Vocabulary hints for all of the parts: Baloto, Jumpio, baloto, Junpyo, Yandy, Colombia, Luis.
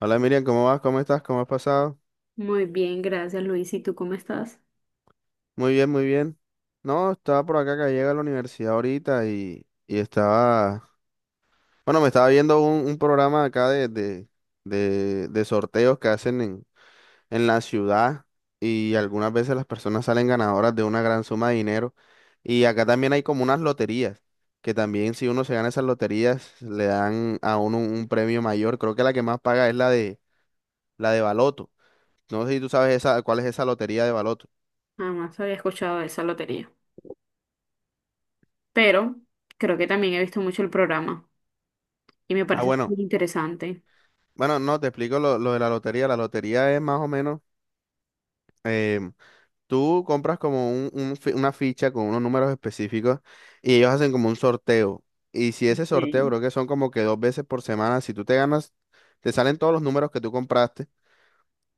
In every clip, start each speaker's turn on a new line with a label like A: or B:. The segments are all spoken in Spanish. A: Hola Miriam, ¿cómo vas? ¿Cómo estás? ¿Cómo has pasado?
B: Muy bien, gracias Luis. ¿Y tú cómo estás?
A: Muy bien, muy bien. No, estaba por acá que llega a la universidad ahorita y estaba, bueno, me estaba viendo un programa acá de sorteos que hacen en la ciudad y algunas veces las personas salen ganadoras de una gran suma de dinero. Y acá también hay como unas loterías que también si uno se gana esas loterías le dan a uno un premio mayor. Creo que la que más paga es la de Baloto. No sé si tú sabes esa, cuál es esa lotería de Baloto.
B: Jamás había escuchado de esa lotería. Pero creo que también he visto mucho el programa y me
A: Ah,
B: parece
A: bueno.
B: muy interesante.
A: Bueno, no, te explico lo de la lotería. La lotería es más o menos, em, tú compras como una ficha con unos números específicos y ellos hacen como un sorteo. Y si ese sorteo,
B: Ok.
A: creo que son como que dos veces por semana, si tú te ganas, te salen todos los números que tú compraste,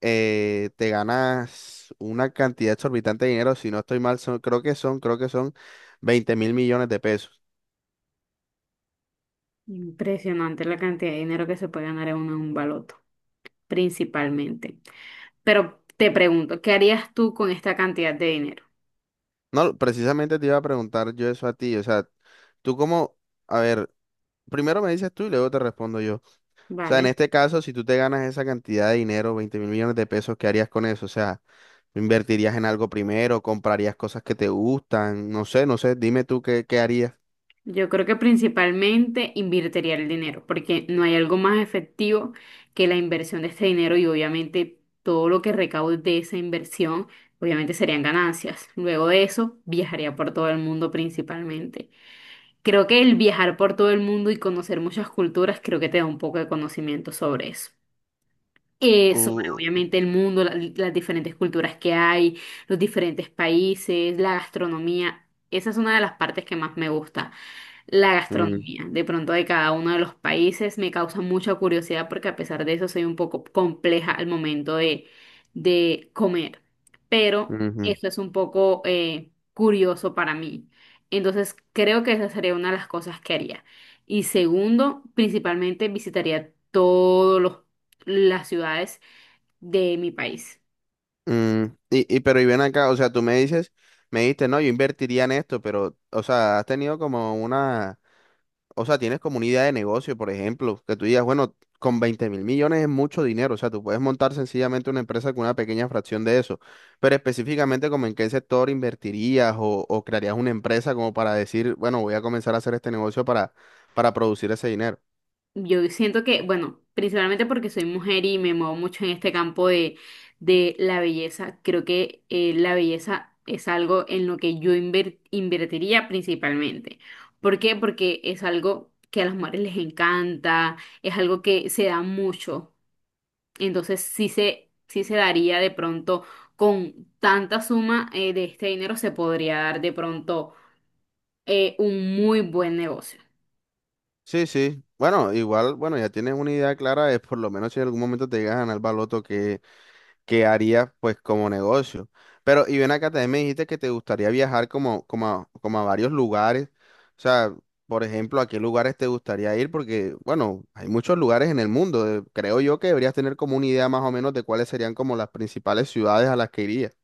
A: te ganas una cantidad exorbitante de dinero. Si no estoy mal, creo que son 20.000 millones de pesos.
B: Impresionante la cantidad de dinero que se puede ganar en un baloto, principalmente. Pero te pregunto, ¿qué harías tú con esta cantidad de dinero?
A: No, precisamente te iba a preguntar yo eso a ti. O sea, tú como, a ver, primero me dices tú y luego te respondo yo. O sea, en
B: ¿Vale?
A: este caso, si tú te ganas esa cantidad de dinero, 20.000 millones de pesos, ¿qué harías con eso? O sea, ¿invertirías en algo primero? ¿Comprarías cosas que te gustan? No sé, no sé, dime tú qué, qué harías.
B: Yo creo que principalmente invertiría el dinero, porque no hay algo más efectivo que la inversión de este dinero y obviamente todo lo que recaude de esa inversión, obviamente serían ganancias. Luego de eso, viajaría por todo el mundo principalmente. Creo que el viajar por todo el mundo y conocer muchas culturas, creo que te da un poco de conocimiento sobre eso. Sobre
A: Uh,
B: obviamente el mundo, las diferentes culturas que hay, los diferentes países, la gastronomía. Esa es una de las partes que más me gusta la
A: mm,
B: gastronomía, de pronto de cada uno de los países, me causa mucha curiosidad porque a pesar de eso soy un poco compleja al momento de comer, pero
A: ujú,
B: eso es un poco curioso para mí. Entonces creo que esa sería una de las cosas que haría. Y segundo, principalmente visitaría todas las ciudades de mi país.
A: mm. Y pero y ven acá, o sea, tú me dices, me dijiste, no, yo invertiría en esto, pero, o sea, has tenido como una, o sea, tienes como una idea de negocio, por ejemplo, que tú digas, bueno, con 20.000 millones es mucho dinero. O sea, tú puedes montar sencillamente una empresa con una pequeña fracción de eso, pero específicamente como en qué sector invertirías o crearías una empresa como para decir, bueno, voy a comenzar a hacer este negocio para producir ese dinero.
B: Yo siento que, bueno, principalmente porque soy mujer y me muevo mucho en este campo de la belleza, creo que la belleza es algo en lo que yo invertiría principalmente. ¿Por qué? Porque es algo que a las mujeres les encanta, es algo que se da mucho. Entonces sí se daría de pronto con tanta suma de este dinero, se podría dar de pronto un muy buen negocio.
A: Sí, sí. Bueno, igual, bueno, ya tienes una idea clara de por lo menos si en algún momento te llegas a ganar el baloto, que harías pues como negocio. Pero, y ven acá, también me dijiste que te gustaría viajar como, como a, como a varios lugares. O sea, por ejemplo, ¿a qué lugares te gustaría ir? Porque, bueno, hay muchos lugares en el mundo. Creo yo que deberías tener como una idea más o menos de cuáles serían como las principales ciudades a las que irías.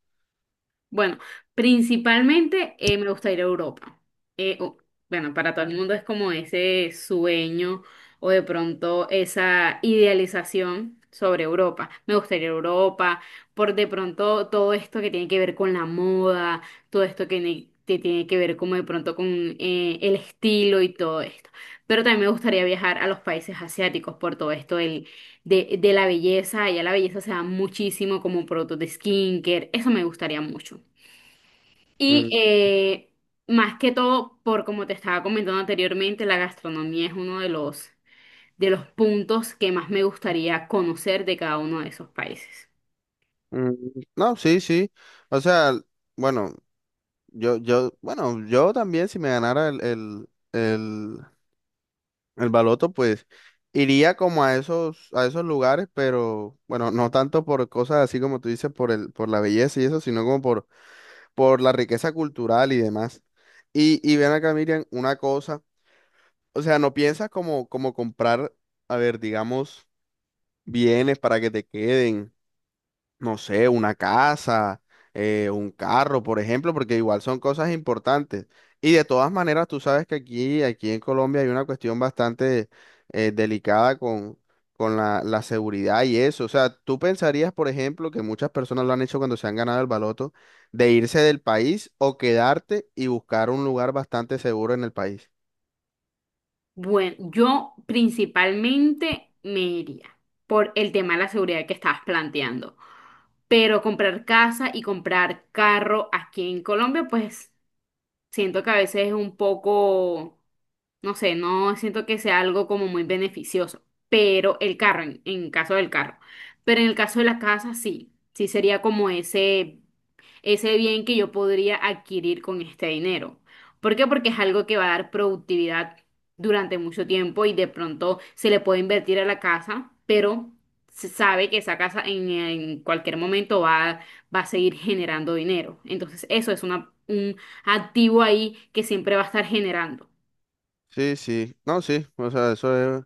B: Bueno, principalmente me gusta ir a Europa. Eh, o- bueno, para todo el mundo es como ese sueño o de pronto esa idealización sobre Europa. Me gusta ir a Europa por de pronto todo esto que tiene que ver con la moda, todo esto que tiene que ver como de pronto con el estilo y todo esto. Pero también me gustaría viajar a los países asiáticos por todo esto del, de la belleza. Allá la belleza se da muchísimo como productos de skincare. Eso me gustaría mucho. Y
A: Mm,
B: más que todo, por como te estaba comentando anteriormente, la gastronomía es uno de los puntos que más me gustaría conocer de cada uno de esos países.
A: mm, No, sí, sí. O sea, bueno, yo, bueno, yo también si me ganara el baloto, pues, iría como a esos lugares, pero bueno, no tanto por cosas así como tú dices, por el, por la belleza y eso, sino como por la riqueza cultural y demás. Y ven acá, Miriam, una cosa, o sea, no piensas como, como comprar, a ver, digamos, bienes para que te queden, no sé, una casa, un carro, por ejemplo, porque igual son cosas importantes. Y de todas maneras, tú sabes que aquí, aquí en Colombia hay una cuestión bastante delicada con la, la seguridad y eso. O sea, tú pensarías, por ejemplo, que muchas personas lo han hecho cuando se han ganado el baloto, de irse del país o quedarte y buscar un lugar bastante seguro en el país.
B: Bueno, yo principalmente me iría por el tema de la seguridad que estabas planteando. Pero comprar casa y comprar carro aquí en Colombia, pues siento que a veces es un poco, no sé, no siento que sea algo como muy beneficioso, pero el carro, en caso del carro, pero en el caso de la casa sí, sí sería como ese ese bien que yo podría adquirir con este dinero. ¿Por qué? Porque es algo que va a dar productividad durante mucho tiempo y de pronto se le puede invertir a la casa, pero se sabe que esa casa en cualquier momento va, va a seguir generando dinero. Entonces, eso es una, un activo ahí que siempre va a estar generando.
A: Sí, sí, no, sí, o sea, eso.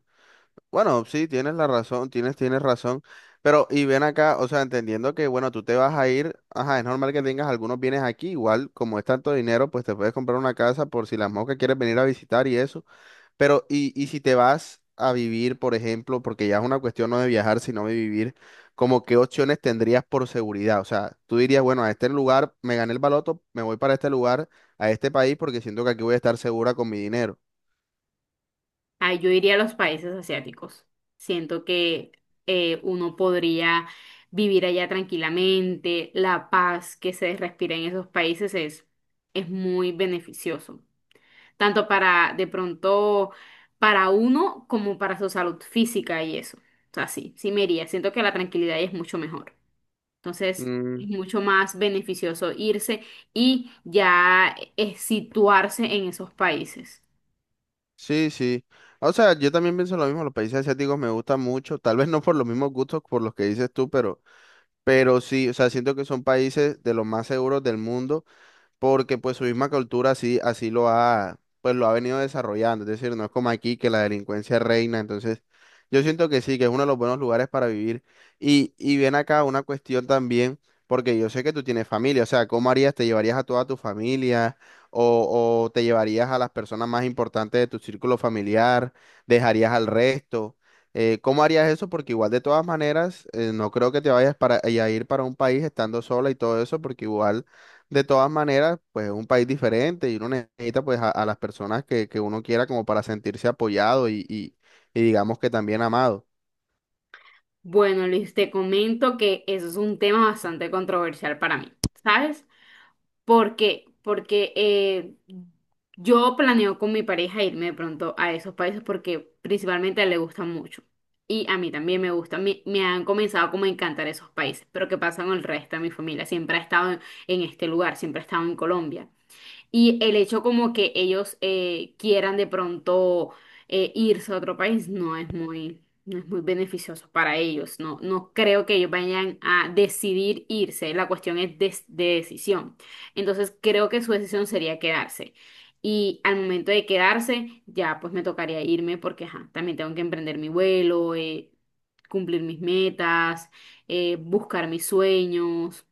A: Bueno, sí, tienes la razón, tienes, tienes razón. Pero, y ven acá, o sea, entendiendo que, bueno, tú te vas a ir, ajá, es normal que tengas algunos bienes aquí, igual, como es tanto dinero, pues te puedes comprar una casa por si las moscas quieres venir a visitar y eso. Pero, y si te vas a vivir, por ejemplo, porque ya es una cuestión no de viajar, sino de vivir, como qué opciones tendrías por seguridad. O sea, tú dirías, bueno, a este lugar me gané el baloto, me voy para este lugar, a este país, porque siento que aquí voy a estar segura con mi dinero.
B: Ah, yo iría a los países asiáticos. Siento que uno podría vivir allá tranquilamente, la paz que se respira en esos países es muy beneficioso, tanto para de pronto para uno como para su salud física y eso. O sea, sí, sí me iría. Siento que la tranquilidad ahí es mucho mejor. Entonces,
A: Mm,
B: es mucho más beneficioso irse y ya situarse en esos países.
A: Sí, sí. O sea, yo también pienso lo mismo. Los países asiáticos me gustan mucho, tal vez no por los mismos gustos por los que dices tú, pero sí, o sea, siento que son países de los más seguros del mundo porque pues su misma cultura así, así lo ha, pues lo ha venido desarrollando. Es decir, no es como aquí que la delincuencia reina. Entonces yo siento que sí, que es uno de los buenos lugares para vivir. Y ven acá una cuestión también, porque yo sé que tú tienes familia. O sea, ¿cómo harías? ¿Te llevarías a toda tu familia o te llevarías a las personas más importantes de tu círculo familiar? ¿Dejarías al resto? ¿Cómo harías eso? Porque igual de todas maneras, no creo que te vayas para, a ir para un país estando sola y todo eso, porque igual... De todas maneras, pues es un país diferente y uno necesita pues a las personas que uno quiera como para sentirse apoyado y digamos que también amado.
B: Bueno, Luis, te comento que eso es un tema bastante controversial para mí, ¿sabes? ¿Por qué? Porque yo planeo con mi pareja irme de pronto a esos países porque principalmente a él le gustan mucho. Y a mí también me gusta, me han comenzado como a encantar esos países. Pero ¿qué pasa con el resto de mi familia? Siempre ha estado en este lugar, siempre ha estado en Colombia. Y el hecho como que ellos quieran de pronto irse a otro país no es muy, no es muy beneficioso para ellos. No, no creo que ellos vayan a decidir irse. La cuestión es decisión. Entonces creo que su decisión sería quedarse. Y al momento de quedarse, ya pues me tocaría irme porque ajá, también tengo que emprender mi vuelo, cumplir mis metas, buscar mis sueños.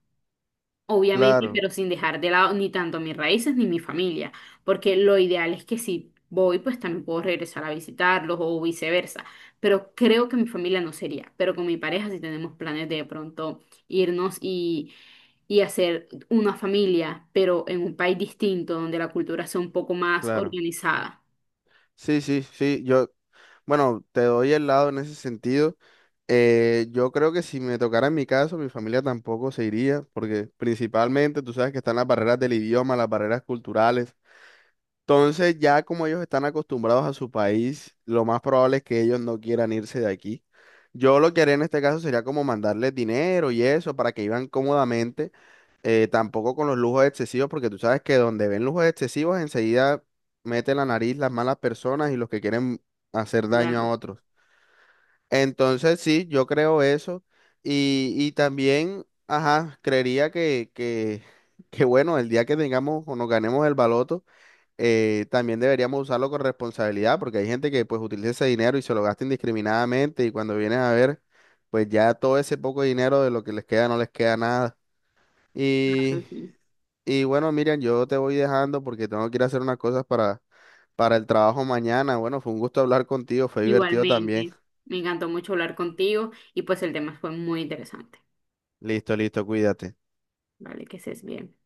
B: Obviamente,
A: Claro,
B: pero sin dejar de lado ni tanto mis raíces ni mi familia, porque lo ideal es que si voy, pues también puedo regresar a visitarlos o viceversa, pero creo que mi familia no sería, pero con mi pareja sí tenemos planes de pronto irnos y hacer una familia, pero en un país distinto donde la cultura sea un poco más
A: claro.
B: organizada.
A: Sí, sí, sí. Yo, bueno, te doy el lado en ese sentido. Yo creo que si me tocara en mi caso, mi familia tampoco se iría, porque principalmente tú sabes que están las barreras del idioma, las barreras culturales. Entonces, ya como ellos están acostumbrados a su país, lo más probable es que ellos no quieran irse de aquí. Yo lo que haría en este caso sería como mandarles dinero y eso para que vivan cómodamente, tampoco con los lujos excesivos, porque tú sabes que donde ven lujos excesivos enseguida meten la nariz las malas personas y los que quieren hacer daño a
B: Claro,
A: otros. Entonces, sí, yo creo eso. Y también, ajá, creería que bueno, el día que tengamos o nos ganemos el baloto también deberíamos usarlo con responsabilidad, porque hay gente que pues utiliza ese dinero y se lo gasta indiscriminadamente y cuando vienes a ver, pues ya todo ese poco dinero de lo que les queda no les queda nada. Y,
B: claro, sí.
A: y bueno, Miriam, yo te voy dejando porque tengo que ir a hacer unas cosas para el trabajo mañana. Bueno, fue un gusto hablar contigo, fue divertido también.
B: Igualmente, me encantó mucho hablar contigo y pues el tema fue muy interesante.
A: Listo, listo, cuídate.
B: Vale, que estés bien.